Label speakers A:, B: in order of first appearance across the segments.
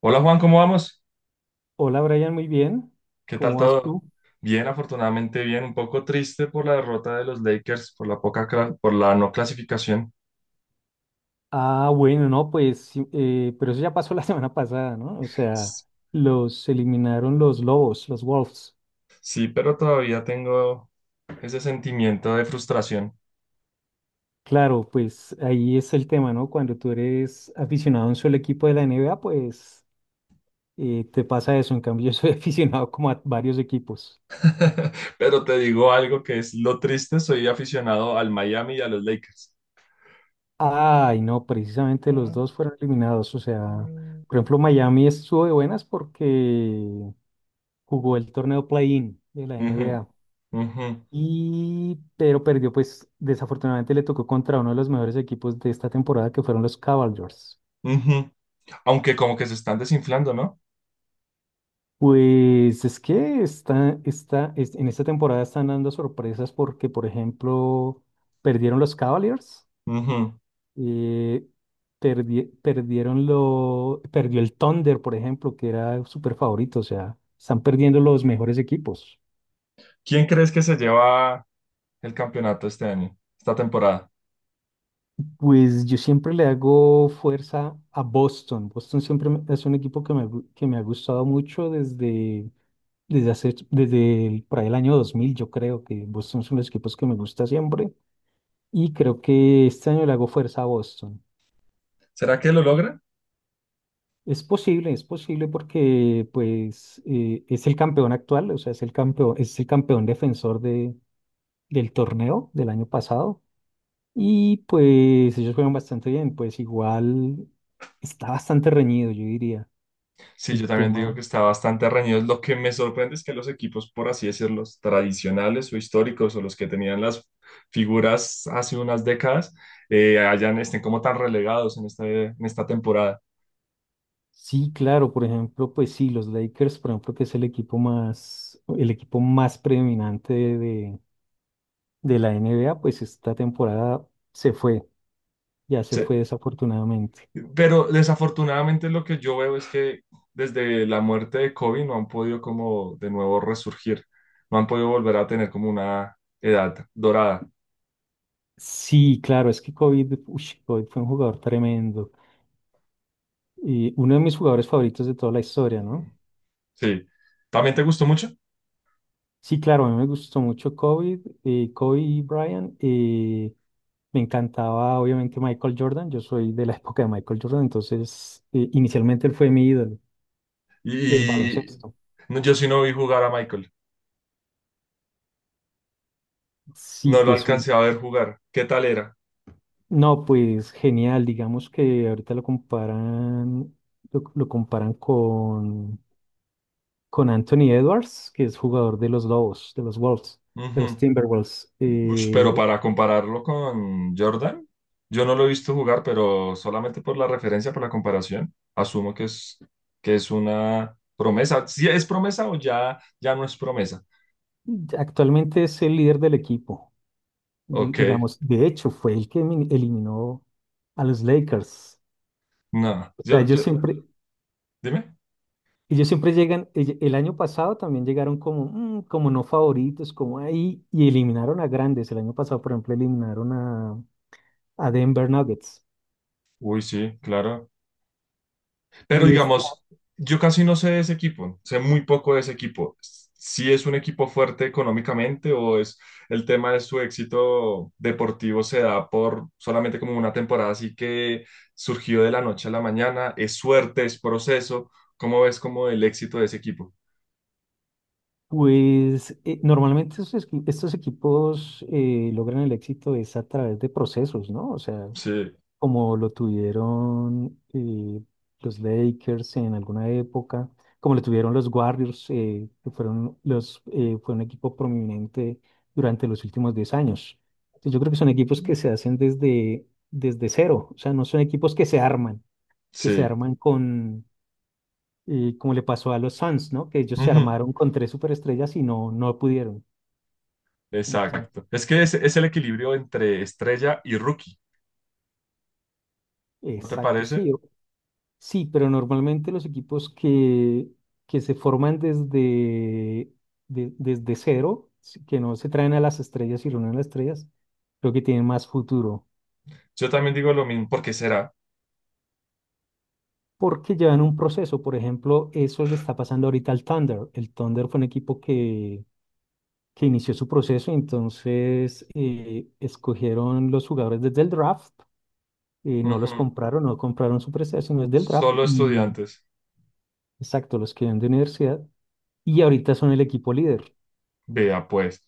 A: Hola Juan, ¿cómo vamos?
B: Hola Brian, muy bien.
A: ¿Qué tal
B: ¿Cómo vas
A: todo?
B: tú?
A: Bien, afortunadamente bien, un poco triste por la derrota de los Lakers, por la poca, por la no clasificación.
B: Ah, bueno, no, pues, sí, pero eso ya pasó la semana pasada, ¿no? O sea,
A: S-
B: los eliminaron los lobos, los Wolves.
A: Sí, pero todavía tengo ese sentimiento de frustración.
B: Claro, pues ahí es el tema, ¿no? Cuando tú eres aficionado a un solo equipo de la NBA, pues te pasa eso. En cambio, yo soy aficionado como a varios equipos.
A: Pero te digo algo que es lo triste, soy aficionado al Miami y a los Lakers.
B: Ay, no, precisamente los
A: Ah,
B: dos fueron eliminados. O sea,
A: mm.
B: por ejemplo, Miami estuvo de buenas porque jugó el torneo play-in de la
A: Ujú,
B: NBA.
A: ujú,
B: Y, pero perdió, pues desafortunadamente le tocó contra uno de los mejores equipos de esta temporada que fueron los Cavaliers.
A: ujú. Aunque como que se están desinflando, ¿no?
B: Pues es que en esta temporada están dando sorpresas porque, por ejemplo, perdieron los Cavaliers,
A: Ujú.
B: eh, perdió el Thunder, por ejemplo, que era súper favorito, o sea, están perdiendo los mejores equipos.
A: ¿Quién crees que se lleva el campeonato este año, esta temporada?
B: Pues yo siempre le hago fuerza a Boston. Boston siempre es un equipo que me ha gustado mucho desde por ahí el año 2000. Yo creo que Boston son los equipos que me gusta siempre y creo que este año le hago fuerza a Boston.
A: ¿Será que lo logra?
B: Es posible porque pues es el campeón actual, o sea, es el campeón defensor del torneo del año pasado y pues ellos juegan bastante bien, pues igual está bastante reñido, yo diría.
A: Sí, yo
B: El
A: también digo
B: tema,
A: que está bastante reñido. Lo que me sorprende es que los equipos, por así decirlo, tradicionales o históricos o los que tenían las figuras hace unas décadas, hayan, estén como tan relegados en esta temporada.
B: sí, claro, por ejemplo, pues sí, los Lakers, por ejemplo, que es el equipo más predominante de la NBA, pues esta temporada se fue, ya se fue
A: Se-
B: desafortunadamente.
A: pero desafortunadamente lo que yo veo es que desde la muerte de Kobe no han podido como de nuevo resurgir, no han podido volver a tener como una edad dorada.
B: Sí, claro, es que COVID fue un jugador tremendo y uno de mis jugadores favoritos de toda la historia, ¿no?
A: Sí, ¿también te gustó mucho?
B: Sí, claro, a mí me gustó mucho Kobe, Kobe y Bryant. Me encantaba, obviamente, Michael Jordan. Yo soy de la época de Michael Jordan, entonces inicialmente él fue mi ídolo del
A: Y
B: baloncesto.
A: no, yo sí no vi jugar a Michael.
B: Sí,
A: No lo
B: pues
A: alcancé a ver jugar. ¿Qué tal era?
B: no, pues genial. Digamos que ahorita lo comparan con Anthony Edwards, que es jugador de los Lobos, de los Wolves, de los
A: Ujú.
B: Timberwolves.
A: Ush, pero para compararlo con Jordan, yo no lo he visto jugar, pero solamente por la referencia, por la comparación, asumo que es una promesa. ¿Si es promesa o ya no es promesa?
B: Actualmente es el líder del equipo.
A: Ok,
B: Digamos, de hecho fue el que eliminó a los Lakers.
A: no.
B: O sea, ellos siempre,
A: Dime.
B: ellos siempre llegan, el año pasado también llegaron como, como no favoritos, como ahí, y eliminaron a grandes. El año pasado, por ejemplo, eliminaron a Denver Nuggets.
A: Uy, sí, claro. Pero
B: Y esta,
A: digamos, yo casi no sé de ese equipo, sé muy poco de ese equipo. Si es un equipo fuerte económicamente o es el tema de su éxito deportivo se da por solamente como una temporada así que surgió de la noche a la mañana, es suerte, es proceso. ¿Cómo ves como el éxito de ese equipo?
B: pues, normalmente estos equipos logran el éxito es a través de procesos, ¿no? O sea,
A: Sí,
B: como lo tuvieron los Lakers en alguna época, como lo tuvieron los Warriors, que fue un equipo prominente durante los últimos 10 años. Entonces, yo creo que son equipos que se hacen desde cero, o sea, no son equipos que se arman, que se
A: sí.
B: arman con, eh, como le pasó a los Suns, ¿no? Que ellos se
A: Ujú,
B: armaron con tres superestrellas y no pudieron. Entonces,
A: exacto. Es que es el equilibrio entre estrella y rookie, ¿no te
B: exacto,
A: parece?
B: sí. Sí, pero normalmente los equipos que se forman desde cero, sí, que no se traen a las estrellas y reúnen a las estrellas, creo que tienen más futuro,
A: Yo también digo lo mismo, ¿porque será?
B: porque llevan un proceso. Por ejemplo, eso le está pasando ahorita al Thunder. El Thunder fue un equipo que inició su proceso, entonces escogieron los jugadores desde el draft, no
A: Ujú,
B: los compraron, no compraron su proceso, sino es del draft,
A: solo
B: y
A: estudiantes.
B: exacto, los que vienen de universidad, y ahorita son el equipo líder.
A: Vea, pues,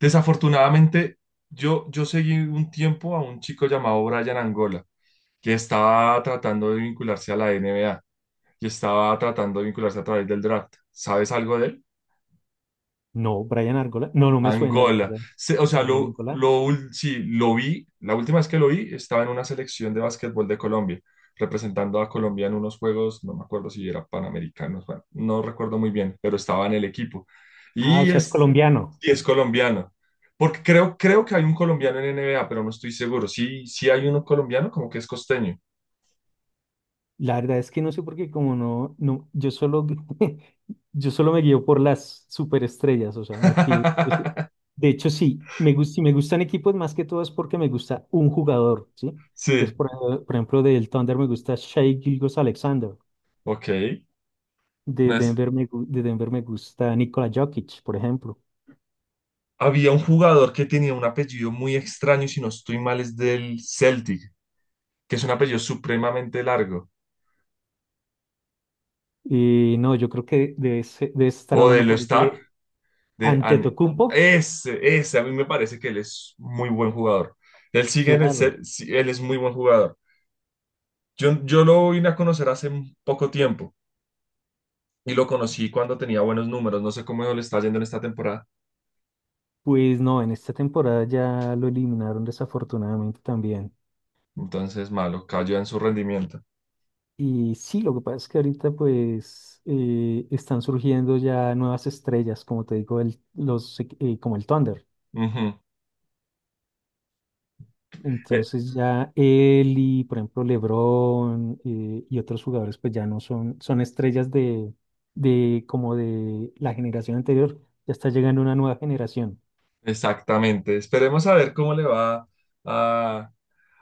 A: desafortunadamente, yo seguí un tiempo a un chico llamado Brian Angola, que estaba tratando de vincularse a la NBA y estaba tratando de vincularse a través del draft. ¿Sabes algo de él?
B: No, Brian Argola. No, no me suena, la
A: Angola.
B: verdad.
A: Se- o sea,
B: Brian Argola.
A: sí, lo vi, la última vez que lo vi estaba en una selección de básquetbol de Colombia, representando a Colombia en unos juegos, no me acuerdo si era Panamericanos, bueno, no recuerdo muy bien, pero estaba en el equipo.
B: Ah, o
A: Y
B: sea, es
A: es,
B: colombiano.
A: y es colombiano, porque creo que hay un colombiano en NBA, pero no estoy seguro. Sí, sí hay uno colombiano, como que es costeño.
B: La verdad es que no sé por qué, como no, no, yo solo, yo solo me guío por las superestrellas, o sea, me fío. De hecho, sí, si me gustan equipos más que todo es porque me gusta un jugador, ¿sí? Pues
A: Sí,
B: por ejemplo, del Thunder me gusta Shai Gilgeous-Alexander,
A: ok. No es-
B: De Denver me gusta Nikola Jokic, por ejemplo.
A: Había un jugador que tenía un apellido muy extraño, si no estoy mal, es del Celtic, que es un apellido supremamente largo,
B: Y no, yo creo que debes estar
A: o de
B: hablando
A: lo
B: por ahí
A: Star,
B: de...
A: de An,
B: Antetokounmpo.
A: ese, a mí me parece que él es muy buen jugador. Él sigue en el
B: Claro,
A: ser, sí, él es muy buen jugador. Yo lo vine a conocer hace un poco tiempo y lo conocí cuando tenía buenos números. No sé cómo le está yendo en esta temporada.
B: pues no, en esta temporada ya lo eliminaron desafortunadamente también.
A: Entonces, malo, cayó en su rendimiento.
B: Y sí, lo que pasa es que ahorita pues están surgiendo ya nuevas estrellas, como te digo, como el Thunder.
A: Ujú. Eh,
B: Entonces ya él y, por ejemplo, LeBron y otros jugadores pues ya no son estrellas de como de la generación anterior, ya está llegando una nueva generación.
A: exactamente. Esperemos a ver cómo le va a,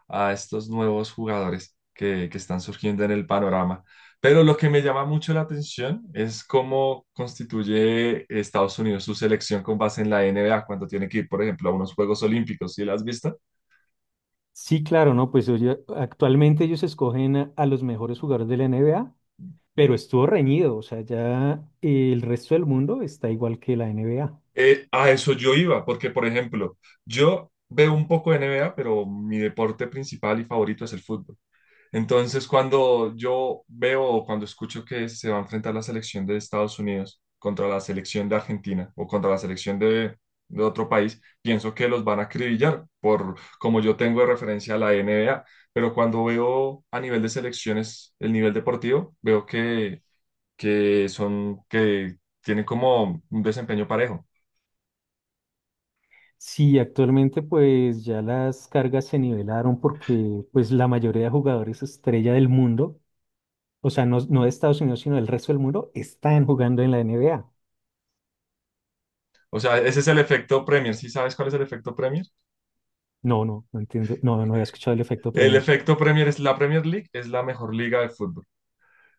A: a estos nuevos jugadores que están surgiendo en el panorama. Pero lo que me llama mucho la atención es cómo constituye Estados Unidos su selección con base en la NBA cuando tiene que ir, por ejemplo, a unos Juegos Olímpicos, ¿sí las has visto?
B: Sí, claro, ¿no? Pues oye, actualmente ellos escogen a los mejores jugadores de la NBA. Pero estuvo reñido, o sea, ya el resto del mundo está igual que la NBA.
A: A eso yo iba, porque, por ejemplo, yo veo un poco de NBA, pero mi deporte principal y favorito es el fútbol. Entonces, cuando yo veo o cuando escucho que se va a enfrentar la selección de Estados Unidos contra la selección de Argentina o contra la selección de otro país, pienso que los van a acribillar, por como yo tengo de referencia a la NBA. Pero cuando veo a nivel de selecciones el nivel deportivo, veo que son, que tienen como un desempeño parejo.
B: Sí, actualmente pues ya las cargas se nivelaron porque pues la mayoría de jugadores estrella del mundo, o sea, no, no de Estados Unidos, sino del resto del mundo, están jugando en la NBA.
A: O sea, ese es el efecto Premier. ¿Sí sabes cuál es el efecto Premier?
B: No, no, no entiendo, no, no había escuchado el efecto
A: El
B: Premier.
A: efecto Premier es la Premier League, es la mejor liga de fútbol.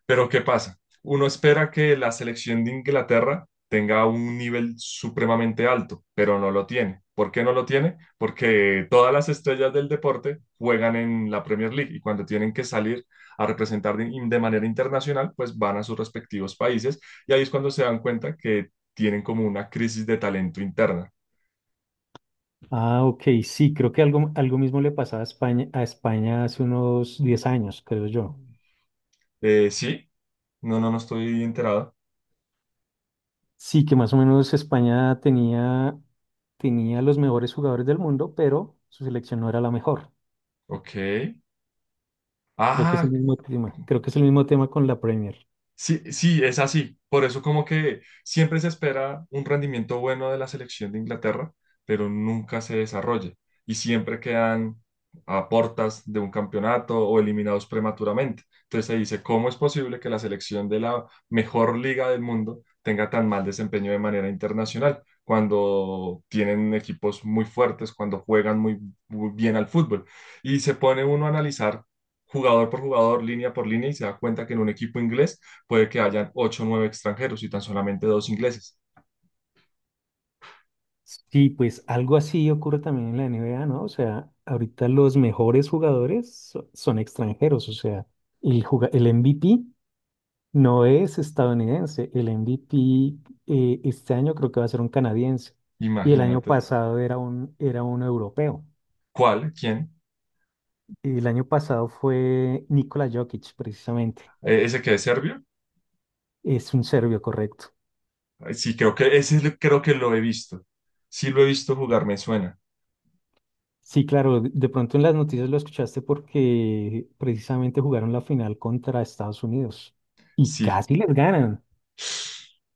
A: Pero ¿qué pasa? Uno espera que la selección de Inglaterra tenga un nivel supremamente alto, pero no lo tiene. ¿Por qué no lo tiene? Porque todas las estrellas del deporte juegan en la Premier League y cuando tienen que salir a representar de manera internacional, pues van a sus respectivos países y ahí es cuando se dan cuenta que tienen como una crisis de talento interna.
B: Ah, ok, sí, creo que algo mismo le pasaba a España, hace unos 10 años, creo yo.
A: Sí, no estoy enterado.
B: Sí, que más o menos España tenía los mejores jugadores del mundo, pero su selección no era la mejor.
A: Ok.
B: Creo que es
A: Ah,
B: el mismo tema. Creo que es el mismo tema con la Premier.
A: sí, sí, es así. Por eso como que siempre se espera un rendimiento bueno de la selección de Inglaterra, pero nunca se desarrolla y siempre quedan a portas de un campeonato o eliminados prematuramente. Entonces se dice, ¿cómo es posible que la selección de la mejor liga del mundo tenga tan mal desempeño de manera internacional cuando tienen equipos muy fuertes, cuando juegan muy bien al fútbol? Y se pone uno a analizar jugador por jugador, línea por línea, y se da cuenta que en un equipo inglés puede que hayan ocho o nueve extranjeros y tan solamente dos ingleses.
B: Sí, pues algo así ocurre también en la NBA, ¿no? O sea, ahorita los mejores jugadores son extranjeros, o sea, el MVP no es estadounidense, el MVP este año creo que va a ser un canadiense y el año
A: Imagínate.
B: pasado era un europeo.
A: ¿Cuál? ¿Quién?
B: El año pasado fue Nikola Jokic, precisamente,
A: ¿Ese que es serbio?
B: es un serbio, correcto.
A: Sí, creo que creo que lo he visto. Sí lo he visto jugar, me suena.
B: Sí, claro, de pronto en las noticias lo escuchaste porque precisamente jugaron la final contra Estados Unidos y
A: Sí.
B: casi les ganan.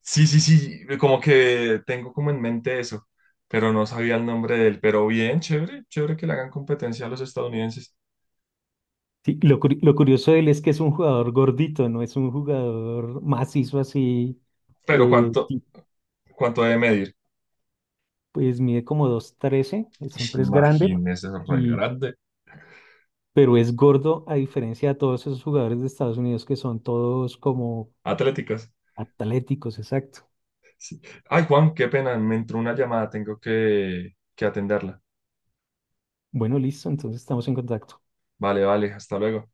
A: Sí, como que tengo como en mente eso, pero no sabía el nombre de él. Pero bien, chévere, chévere que le hagan competencia a los estadounidenses.
B: Sí, lo curioso de él es que es un jugador gordito, no es un jugador macizo así,
A: Pero
B: y
A: ¿cuánto debe medir?
B: pues mide como 2,13, siempre es grande,
A: Imagínese, es re
B: y,
A: grande.
B: pero es gordo a diferencia de todos esos jugadores de Estados Unidos que son todos como
A: Atléticas.
B: atléticos, exacto.
A: Sí. Ay, Juan, qué pena, me entró una llamada, tengo que atenderla.
B: Bueno, listo, entonces estamos en contacto.
A: Vale, vale, hasta luego.